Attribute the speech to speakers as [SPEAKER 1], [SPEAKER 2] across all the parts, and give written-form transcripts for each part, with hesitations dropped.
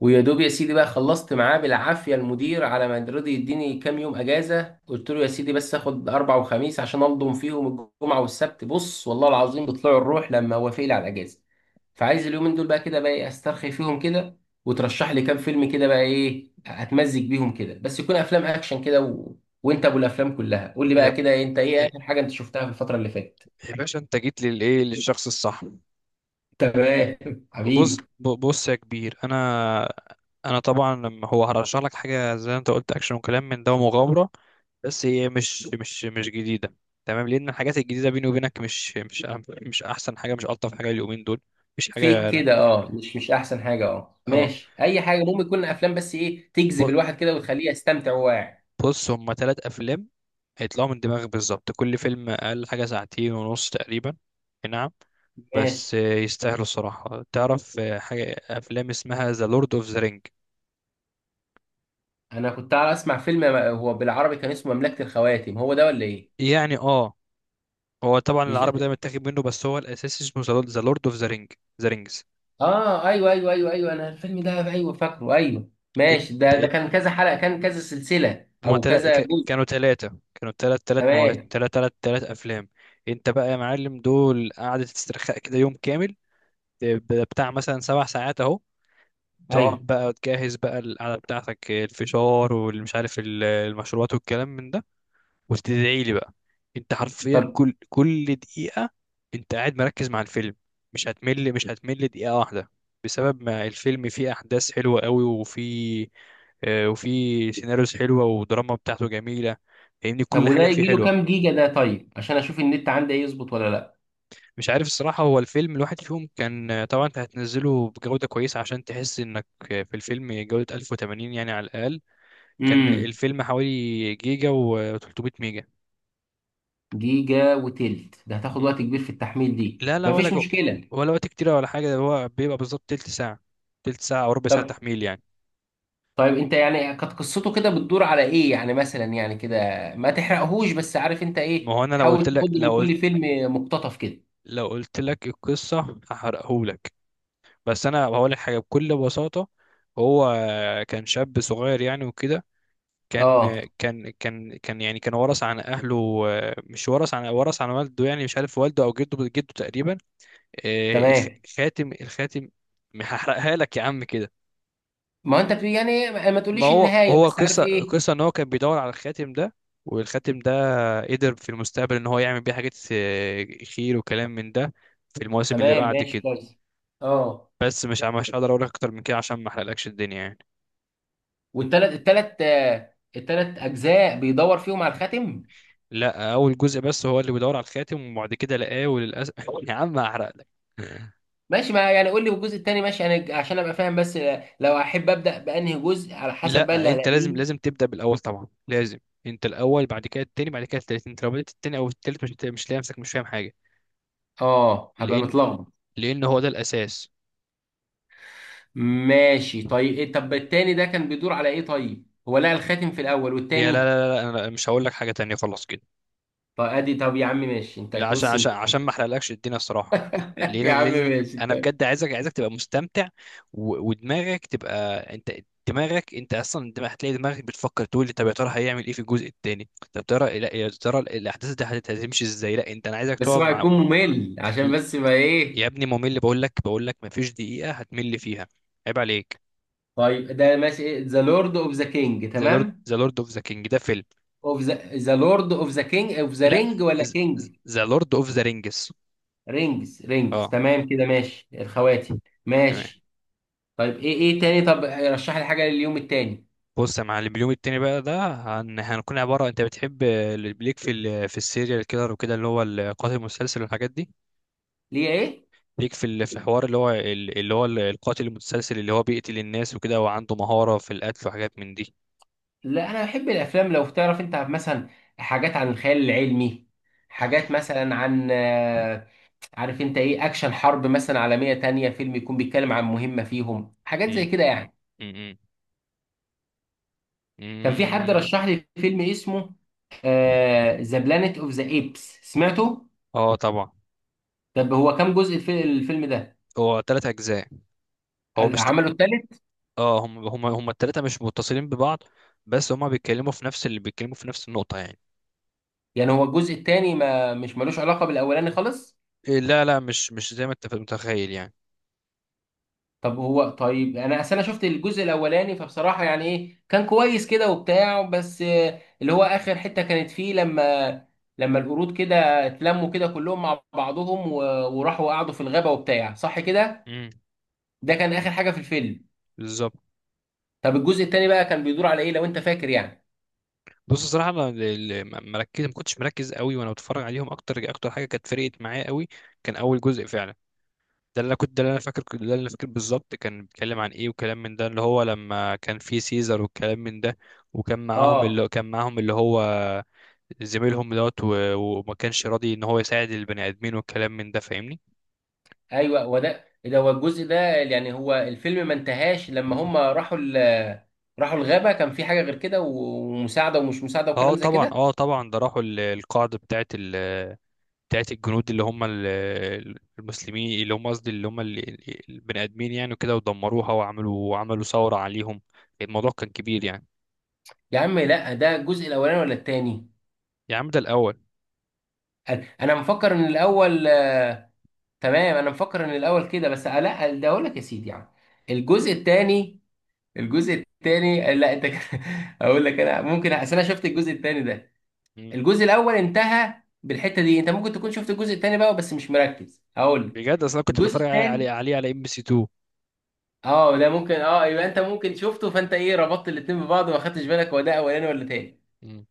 [SPEAKER 1] ويا دوب يا سيدي بقى خلصت معاه بالعافيه، المدير على ما رضي يديني كام يوم اجازه. قلت له يا سيدي بس اخد اربع وخميس عشان انضم فيهم الجمعه والسبت. بص والله العظيم بيطلعوا الروح لما وافق لي على الاجازه. فعايز اليومين دول بقى كده بقى ايه، استرخي فيهم كده. وترشح لي كام فيلم كده بقى ايه، اتمزج بيهم كده، بس يكون افلام اكشن كده و... وانت ابو الافلام كلها، قول لي بقى
[SPEAKER 2] يا
[SPEAKER 1] كده إيه، انت ايه
[SPEAKER 2] يا
[SPEAKER 1] اخر حاجه انت شفتها في الفتره اللي فاتت؟
[SPEAKER 2] يا باشا، انت جيت للايه؟ للشخص الصح.
[SPEAKER 1] تمام. حبيبي.
[SPEAKER 2] بص يا كبير، انا طبعا لما هو هرشح لك حاجه زي ما انت قلت اكشن وكلام من ده ومغامره. بس هي مش جديده. تمام، لان الحاجات الجديده بيني وبينك مش احسن حاجه، مش الطف حاجه اليومين دول. مش
[SPEAKER 1] فيك
[SPEAKER 2] حاجه.
[SPEAKER 1] كده، اه مش احسن حاجه، اه
[SPEAKER 2] اه
[SPEAKER 1] ماشي اي حاجه، المهم يكون افلام بس ايه تجذب
[SPEAKER 2] ب-
[SPEAKER 1] الواحد كده وتخليه يستمتع وهو قاعد.
[SPEAKER 2] بص، هما ثلاث افلام هيطلعوا من دماغك بالظبط. كل فيلم اقل حاجه ساعتين ونص تقريبا. نعم. بس
[SPEAKER 1] ماشي،
[SPEAKER 2] يستاهلوا الصراحة. تعرف حاجة أفلام اسمها ذا لورد اوف ذا رينج؟
[SPEAKER 1] انا كنت على اسمع فيلم هو بالعربي كان اسمه مملكه الخواتم، هو ده ولا ايه؟
[SPEAKER 2] يعني اه، هو طبعا
[SPEAKER 1] مش ده,
[SPEAKER 2] العربي ده
[SPEAKER 1] ده.
[SPEAKER 2] متاخد منه، بس هو الأساسي اسمه ذا لورد اوف ذا رينج. ذا رينجز.
[SPEAKER 1] اه ايوه ايوه ايوه ايوه، انا الفيلم ده ايوه فاكره، ايوه
[SPEAKER 2] ات
[SPEAKER 1] ماشي. ده ده
[SPEAKER 2] ات
[SPEAKER 1] كان كذا حلقه، كان كذا سلسله
[SPEAKER 2] هما
[SPEAKER 1] او كذا جزء؟
[SPEAKER 2] كانوا تلاتة، كانوا تلات تلات مواد
[SPEAKER 1] تمام.
[SPEAKER 2] تلات تلات تلات أفلام. انت بقى يا معلم دول قعدة استرخاء كده يوم كامل، بتاع مثلا 7 ساعات اهو.
[SPEAKER 1] ايوه.
[SPEAKER 2] تقعد بقى تجهز بقى القعدة بتاعتك، الفشار والمش عارف المشروبات والكلام من ده، وتدعي لي بقى. انت حرفيا
[SPEAKER 1] طب
[SPEAKER 2] كل دقيقة انت قاعد مركز مع الفيلم. مش هتمل دقيقة واحدة، بسبب ما الفيلم فيه احداث حلوة قوي وفيه وفيه سيناريوز حلوة ودراما بتاعته جميلة. فاهمني،
[SPEAKER 1] طب
[SPEAKER 2] كل
[SPEAKER 1] وده
[SPEAKER 2] حاجة فيه
[SPEAKER 1] يجي له
[SPEAKER 2] حلوة.
[SPEAKER 1] كام جيجا ده؟ طيب عشان اشوف النت عندي ايه، يظبط ولا لا.
[SPEAKER 2] مش عارف الصراحة، هو الفيلم الواحد فيهم كان طبعا انت هتنزله بجودة كويسة عشان تحس انك في الفيلم جودة 1080 يعني على الأقل. كان
[SPEAKER 1] امم.
[SPEAKER 2] الفيلم حوالي جيجا و300 ميجا.
[SPEAKER 1] جيجا وتلت، ده هتاخد وقت كبير في التحميل دي؟
[SPEAKER 2] لا لا، ولا
[SPEAKER 1] مفيش
[SPEAKER 2] جو
[SPEAKER 1] مشكلة.
[SPEAKER 2] ولا وقت كتير ولا حاجة، ده هو بيبقى بالظبط تلت ساعة، تلت ساعة أو ربع ساعة
[SPEAKER 1] طب
[SPEAKER 2] تحميل يعني.
[SPEAKER 1] طيب انت يعني كانت قصته كده بتدور على ايه يعني، مثلا يعني كده ما تحرقهوش، بس عارف انت
[SPEAKER 2] ما
[SPEAKER 1] ايه،
[SPEAKER 2] هو أنا
[SPEAKER 1] حاول تاخد من كل فيلم مقتطف كده.
[SPEAKER 2] لو قلت لك القصة هحرقهولك. بس أنا هقول لك حاجة بكل بساطة. هو كان شاب صغير يعني وكده. كان
[SPEAKER 1] اه.
[SPEAKER 2] كان كان كان يعني كان ورث عن أهله. مش ورث عن والده، يعني مش عارف والده أو جده تقريبا. آه، خ-
[SPEAKER 1] تمام.
[SPEAKER 2] خاتم الخاتم. هحرقها لك يا عم كده.
[SPEAKER 1] ما هو انت يعني ما
[SPEAKER 2] ما
[SPEAKER 1] تقوليش
[SPEAKER 2] هو
[SPEAKER 1] النهاية،
[SPEAKER 2] هو
[SPEAKER 1] بس عارف
[SPEAKER 2] قصة
[SPEAKER 1] ايه.
[SPEAKER 2] قصة ان هو كان بيدور على الخاتم ده، والخاتم ده قدر في المستقبل ان هو يعمل بيه حاجات خير وكلام من ده في المواسم اللي
[SPEAKER 1] تمام
[SPEAKER 2] بعد
[SPEAKER 1] ماشي
[SPEAKER 2] كده.
[SPEAKER 1] كويس. اه.
[SPEAKER 2] بس مش هقدر اقول لك اكتر من كده عشان ما احرقلكش الدنيا يعني.
[SPEAKER 1] والتلات التلات آه، التلات اجزاء بيدور فيهم على الخاتم؟
[SPEAKER 2] لا، اول جزء بس هو اللي بيدور على الخاتم، وبعد كده لقاه وللاسف يا عم هحرقلك.
[SPEAKER 1] ماشي، ما يعني قول لي الجزء التاني، ماشي انا عشان ابقى فاهم بس آه، لو احب ابدا بانهي جزء على حسب بقى اللي
[SPEAKER 2] لا، انت لازم
[SPEAKER 1] هلاقيه.
[SPEAKER 2] لازم تبدا بالاول طبعا لازم. انت الاول، بعد كده التاني، بعد كده التالت. انت لو بدات التاني او التالت مش لاقي نفسك، مش فاهم حاجه.
[SPEAKER 1] اه هبقى
[SPEAKER 2] لان
[SPEAKER 1] متلخبط.
[SPEAKER 2] لان هو ده الاساس.
[SPEAKER 1] ماشي طيب إيه. طب التاني ده كان بيدور على ايه؟ طيب هو لقى الخاتم في الاول
[SPEAKER 2] يا لا
[SPEAKER 1] والتاني؟
[SPEAKER 2] لا لا لا، انا مش هقول لك حاجه تانية خلاص كده.
[SPEAKER 1] طب ادي، طب يا عم ماشي، انت
[SPEAKER 2] لا، عشان
[SPEAKER 1] بص
[SPEAKER 2] عشان
[SPEAKER 1] انت
[SPEAKER 2] عشان ما احرقلكش الدنيا الصراحه. ليه
[SPEAKER 1] يا عم
[SPEAKER 2] ليه
[SPEAKER 1] ماشي
[SPEAKER 2] انا
[SPEAKER 1] طيب.
[SPEAKER 2] بجد عايزك تبقى مستمتع، ودماغك تبقى. انت دماغك انت اصلا دماغ. هتلاقي دماغك بتفكر تقول لي طب يا ترى هيعمل ايه في الجزء التاني؟ طب ترى لا يا ترى الاحداث دي هتمشي ازاي؟ لا انت، انا عايزك
[SPEAKER 1] بس
[SPEAKER 2] تقعد
[SPEAKER 1] هو
[SPEAKER 2] مع
[SPEAKER 1] هيكون ممل عشان
[SPEAKER 2] ال-
[SPEAKER 1] بس ما ايه.
[SPEAKER 2] يا ابني ممل؟ بقول لك ما فيش دقيقه هتمل فيها. عيب عليك.
[SPEAKER 1] طيب ده ماشي، ذا لورد اوف ذا كينج، تمام.
[SPEAKER 2] ذا لورد اوف ذا كينج ده فيلم.
[SPEAKER 1] اوف ذا ذا لورد اوف ذا كينج اوف ذا
[SPEAKER 2] لا،
[SPEAKER 1] رينج ولا كينج؟
[SPEAKER 2] ذا لورد اوف ذا رينجز.
[SPEAKER 1] رينجز رينجز،
[SPEAKER 2] اه
[SPEAKER 1] تمام كده ماشي، الخواتم.
[SPEAKER 2] تمام.
[SPEAKER 1] ماشي. طيب ايه ايه تاني؟ طب رشح لي حاجه لليوم التاني.
[SPEAKER 2] بص يا معلم، اليوم التاني بقى ده هنكون عبارة. انت بتحب ليك في في السيريال كيلر وكده، اللي هو القاتل المتسلسل والحاجات دي.
[SPEAKER 1] ليه ايه؟
[SPEAKER 2] ليك في في حوار اللي هو اللي هو القاتل المتسلسل اللي هو بيقتل الناس وكده وعنده مهارة في القتل وحاجات من دي.
[SPEAKER 1] لا انا بحب الافلام لو تعرف انت مثلا، حاجات عن الخيال العلمي، حاجات مثلا عن آه، عارف انت ايه، اكشن حرب مثلا عالمية تانية، فيلم يكون بيتكلم عن مهمة فيهم، حاجات
[SPEAKER 2] مم.
[SPEAKER 1] زي كده يعني.
[SPEAKER 2] مم.
[SPEAKER 1] كان في حد
[SPEAKER 2] مم.
[SPEAKER 1] رشح لي فيلم اسمه ذا بلانيت اوف ذا ايبس، سمعته؟
[SPEAKER 2] اه طبعا.
[SPEAKER 1] طب هو كام جزء في الفيلم ده؟
[SPEAKER 2] هو تلات اجزاء. هو مش ت-
[SPEAKER 1] عمله التالت؟
[SPEAKER 2] اه هم التلاتة مش متصلين ببعض، بس هما بيتكلموا في نفس النقطة يعني.
[SPEAKER 1] يعني هو الجزء التاني ما مش ملوش علاقة بالاولاني خالص؟
[SPEAKER 2] لا لا، مش زي ما انت متخيل يعني.
[SPEAKER 1] طب هو طيب، انا اصل انا شفت الجزء الاولاني، فبصراحه يعني ايه، كان كويس كده وبتاع، بس آه، اللي هو اخر حته كانت فيه لما لما القرود كده اتلموا كده كلهم مع بعضهم و- وراحوا قعدوا في الغابه وبتاع، صح كده.
[SPEAKER 2] امم.
[SPEAKER 1] ده كان اخر حاجه في الفيلم.
[SPEAKER 2] بالظبط.
[SPEAKER 1] طب الجزء التاني بقى كان بيدور على ايه لو انت فاكر يعني؟
[SPEAKER 2] بص الصراحه انا ما كنتش مركز قوي وانا بتفرج عليهم. اكتر حاجه كانت فرقت معايا قوي كان اول جزء فعلا. ده اللي انا فاكر بالظبط كان بيتكلم عن ايه وكلام من ده، اللي هو لما كان في سيزر والكلام من ده. وكان معاهم
[SPEAKER 1] اه
[SPEAKER 2] اللي كان معاهم اللي هو زميلهم دوت، وما كانش راضي ان هو يساعد البني ادمين والكلام من ده، فاهمني.
[SPEAKER 1] ايوه. وده ده هو الجزء ده، يعني هو الفيلم ما انتهاش لما هم راحوا راحوا الغابه، كان في حاجه غير كده و- ومساعده ومش مساعده وكلام زي كده.
[SPEAKER 2] اه طبعا، ده راحوا القاعده بتاعت الجنود، اللي هم المسلمين اللي هم قصدي اللي هم البني ادمين يعني، وكده ودمروها، وعملوا ثوره عليهم. الموضوع كان كبير يعني.
[SPEAKER 1] يا عم لا ده الجزء الاولاني ولا التاني؟
[SPEAKER 2] يا عم ده الاول.
[SPEAKER 1] انا مفكر ان الاول آه، تمام انا مفكر ان الاول كده بس آه، لا ده اقول لك يا سيدي يعني. الجزء التاني، الجزء التاني آه، لا انت كده- اقول لك انا، ممكن اصل انا شفت الجزء التاني ده.
[SPEAKER 2] مم.
[SPEAKER 1] الجزء الاول انتهى بالحته دي، انت ممكن تكون شفت الجزء التاني بقى بس مش مركز، هقول لك.
[SPEAKER 2] بجد اصل انا كنت
[SPEAKER 1] الجزء
[SPEAKER 2] بتفرج
[SPEAKER 1] التاني،
[SPEAKER 2] عليه على ام بي سي 2.
[SPEAKER 1] اه ده ممكن، اه يبقى انت ممكن شفته فانت ايه ربطت الاتنين ببعض وما خدتش بالك هو ده اولاني ولا تاني.
[SPEAKER 2] مم.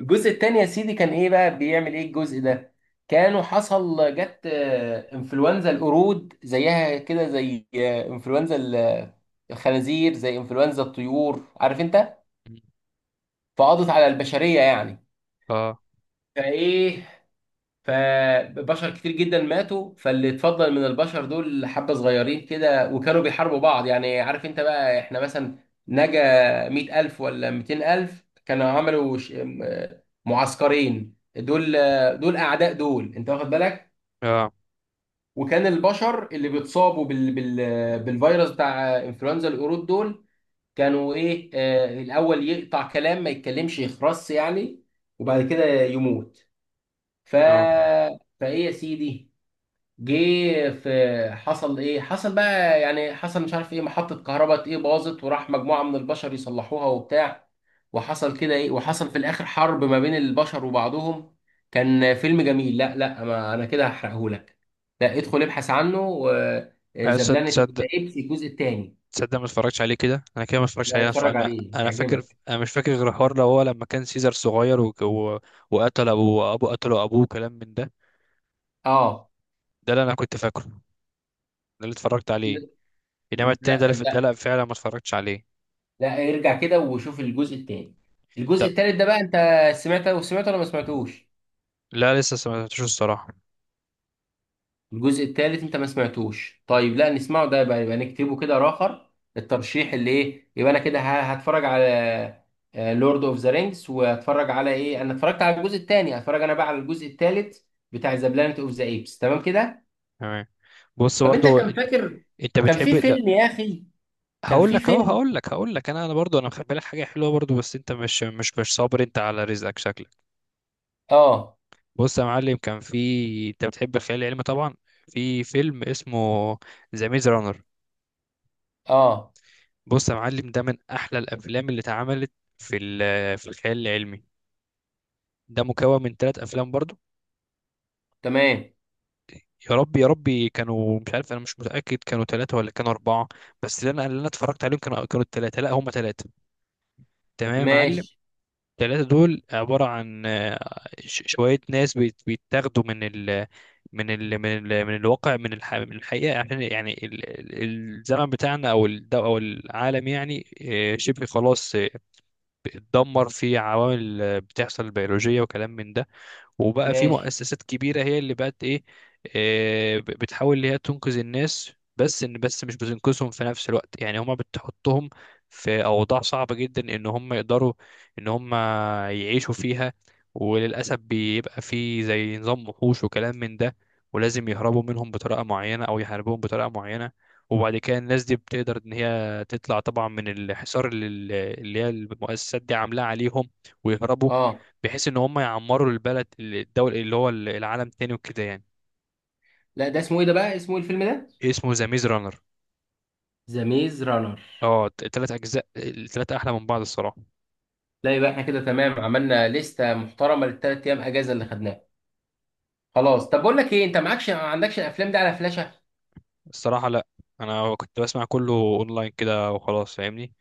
[SPEAKER 1] الجزء التاني يا سيدي كان ايه بقى، بيعمل ايه الجزء ده؟ كانوا حصل جت آه، انفلونزا القرود زيها كده، زي آه، انفلونزا الخنازير، زي انفلونزا الطيور، عارف انت.
[SPEAKER 2] مم.
[SPEAKER 1] فقضت على البشرية يعني.
[SPEAKER 2] اه
[SPEAKER 1] فايه، فبشر كتير جدا ماتوا، فاللي اتفضل من البشر دول حبة صغيرين كده وكانوا بيحاربوا بعض، يعني عارف انت بقى احنا مثلا نجا 100000 ولا 200000، كانوا عملوا معسكرين، دول دول أعداء، دول انت واخد بالك.
[SPEAKER 2] اه
[SPEAKER 1] وكان البشر اللي بيتصابوا بالفيروس بتاع انفلونزا القرود دول، كانوا ايه آه، الاول يقطع كلام ما يتكلمش، يخرس يعني، وبعد كده يموت. ف،
[SPEAKER 2] اه.
[SPEAKER 1] فايه يا سيدي، جه في، حصل ايه، حصل بقى يعني حصل مش عارف ايه، محطة كهرباء ايه باظت، وراح مجموعة من البشر يصلحوها وبتاع، وحصل كده ايه، وحصل في الاخر حرب ما بين البشر وبعضهم. كان فيلم جميل. لا لا، ما انا كده هحرقهولك. لا ادخل ابحث عنه و-
[SPEAKER 2] لا
[SPEAKER 1] ذا
[SPEAKER 2] تصدق،
[SPEAKER 1] بلانيت اوف ذا
[SPEAKER 2] تصدق،
[SPEAKER 1] ايبس الجزء الثاني.
[SPEAKER 2] تصدق ما اتفرجتش عليه كده، انا كده ما اتفرجتش
[SPEAKER 1] لا
[SPEAKER 2] عليه.
[SPEAKER 1] اتفرج
[SPEAKER 2] فانا
[SPEAKER 1] عليه
[SPEAKER 2] انا فاكر.
[SPEAKER 1] هيعجبك.
[SPEAKER 2] انا مش فاكر غير الحوار اللي هو لما كان سيزر صغير وقتل ابو ابو قتله ابوه كلام من ده.
[SPEAKER 1] اه.
[SPEAKER 2] ده اللي انا كنت فاكره، ده اللي اتفرجت عليه. انما التاني
[SPEAKER 1] لا
[SPEAKER 2] ده
[SPEAKER 1] لا
[SPEAKER 2] لا فعلا ما اتفرجتش عليه.
[SPEAKER 1] لا ارجع كده وشوف الجزء الثاني. الجزء
[SPEAKER 2] طب
[SPEAKER 1] الثالث ده بقى انت سمعته وسمعته ولا ما سمعتوش؟
[SPEAKER 2] لا، لسه سمعتوش الصراحه.
[SPEAKER 1] الجزء الثالث انت ما سمعتوش،
[SPEAKER 2] مم.
[SPEAKER 1] طيب لا نسمعه ده، يبقى يبقى نكتبه كده راخر الترشيح اللي ايه، يبقى انا كده ه- هتفرج على لورد اوف ذا رينجز، وهتفرج على ايه، انا اتفرجت على الجزء الثاني هتفرج انا بقى على الجزء الثالث بتاع ذا بلانت اوف ذا ايبس، تمام كده.
[SPEAKER 2] تمام. بص
[SPEAKER 1] طب انت
[SPEAKER 2] برضو،
[SPEAKER 1] كان
[SPEAKER 2] انت
[SPEAKER 1] فاكر،
[SPEAKER 2] انت
[SPEAKER 1] كان
[SPEAKER 2] بتحب
[SPEAKER 1] في
[SPEAKER 2] لا.
[SPEAKER 1] فيلم يا اخي، كان
[SPEAKER 2] هقول
[SPEAKER 1] في
[SPEAKER 2] لك اهو
[SPEAKER 1] فيلم،
[SPEAKER 2] هقول لك هقول لك، انا برضو انا مخبي لك حاجه حلوه برضو، بس انت مش صابر انت على رزقك شكلك.
[SPEAKER 1] اه.
[SPEAKER 2] بص يا معلم، كان في انت بتحب الخيال العلمي طبعا. في فيلم اسمه ذا ميز رانر.
[SPEAKER 1] اه.
[SPEAKER 2] بص يا معلم، ده من احلى الافلام اللي اتعملت في في الخيال العلمي. ده مكون من ثلاث افلام برضو.
[SPEAKER 1] تمام
[SPEAKER 2] يا رب، يا ربي كانوا مش عارف، انا مش متاكد كانوا ثلاثه ولا كانوا اربعه. بس اللي انا اتفرجت عليهم كانوا الثلاثه. لا هم ثلاثه. تمام يا معلم.
[SPEAKER 1] ماشي
[SPEAKER 2] الثلاثه دول عباره عن شويه ناس بيتاخدوا من الواقع، من الحقيقه، عشان يعني الزمن بتاعنا او او العالم يعني شبه خلاص اتدمر في عوامل بتحصل بيولوجيه وكلام من ده. وبقى في
[SPEAKER 1] ماشي.
[SPEAKER 2] مؤسسات كبيرة هي اللي بقت ايه. بتحاول اللي هي تنقذ الناس، بس ان بس مش بتنقذهم في نفس الوقت يعني، هما بتحطهم في اوضاع صعبة جدا ان هم يقدروا ان هم يعيشوا فيها. وللاسف بيبقى في زي نظام وحوش وكلام من ده، ولازم يهربوا منهم بطريقة معينة او يحاربوهم بطريقة معينة. وبعد كده الناس دي بتقدر ان هي تطلع طبعا من الحصار اللي هي المؤسسات دي عاملاه عليهم، ويهربوا
[SPEAKER 1] اه.
[SPEAKER 2] بحيث ان هم يعمروا البلد الدول اللي هو العالم تاني وكده يعني.
[SPEAKER 1] لا ده اسمه ايه ده بقى، اسمه ايه الفيلم ده؟
[SPEAKER 2] اسمه ذا ميز رانر.
[SPEAKER 1] ذا ميز رانر.
[SPEAKER 2] اه التلات اجزاء التلاتة احلى من بعض الصراحة.
[SPEAKER 1] لا يبقى احنا كده تمام، عملنا لستة محترمة للثلاث ايام اجازة اللي خدناها. خلاص طب بقول لك ايه، انت معكش، ما عندكش الافلام دي على فلاشة؟
[SPEAKER 2] الصراحة لا، انا كنت بسمع كله اونلاين كده وخلاص فاهمني.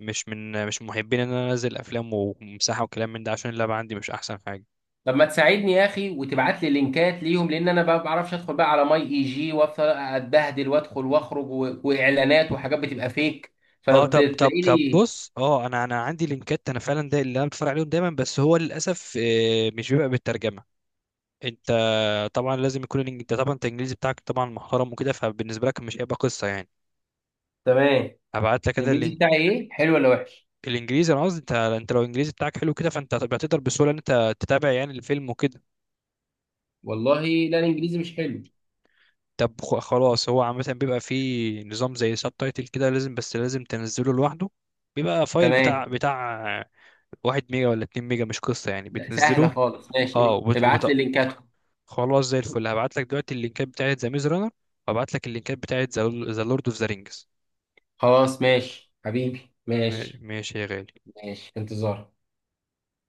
[SPEAKER 2] مش محبين ان انا انزل افلام ومساحة وكلام من ده عشان اللعبة عندي مش احسن حاجة.
[SPEAKER 1] طب ما تساعدني يا اخي وتبعت لي لينكات ليهم، لان انا بقى ما بعرفش ادخل بقى على ماي اي جي وافضل اتبهدل وادخل واخرج و... واعلانات وحاجات بتبقى فيك، فلو
[SPEAKER 2] اه
[SPEAKER 1] ت-
[SPEAKER 2] طب طب
[SPEAKER 1] تلاقي
[SPEAKER 2] طب
[SPEAKER 1] لي.
[SPEAKER 2] بص، انا عندي لينكات، انا فعلا ده اللي انا بتفرج عليهم دايما، بس هو للاسف مش بيبقى بالترجمة. انت طبعا انت الانجليزي بتاعك طبعا محترم وكده، فبالنسبة لك مش هيبقى قصة يعني.
[SPEAKER 1] تمام.
[SPEAKER 2] ابعت لك انا
[SPEAKER 1] الانجليزي
[SPEAKER 2] اللينك.
[SPEAKER 1] بتاعي ايه، حلو ولا وحش؟
[SPEAKER 2] الانجليزي انا قصدي، انت لو الانجليزي بتاعك حلو كده فانت هتبقى تقدر بسهوله ان انت تتابع يعني الفيلم وكده.
[SPEAKER 1] والله لا الانجليزي مش حلو.
[SPEAKER 2] طب خلاص، هو عامه بيبقى فيه نظام زي سب تايتل كده لازم، بس لازم تنزله لوحده. بيبقى فايل
[SPEAKER 1] تمام.
[SPEAKER 2] بتاع 1 ميجا ولا 2 ميجا مش قصه يعني،
[SPEAKER 1] لا سهلة
[SPEAKER 2] بتنزله.
[SPEAKER 1] خالص، ماشي.
[SPEAKER 2] اه وبت... وبت...
[SPEAKER 1] ابعت لي لينكاتهم.
[SPEAKER 2] خلاص زي الفل، هبعت لك دلوقتي اللينكات بتاعت ذا ميز رانر، وابعت لك اللينكات بتاعت ذا لورد اوف ذا رينجز.
[SPEAKER 1] خلاص ماشي حبيبي ماشي.
[SPEAKER 2] ماشي يا غالي.
[SPEAKER 1] ماشي في انتظارك.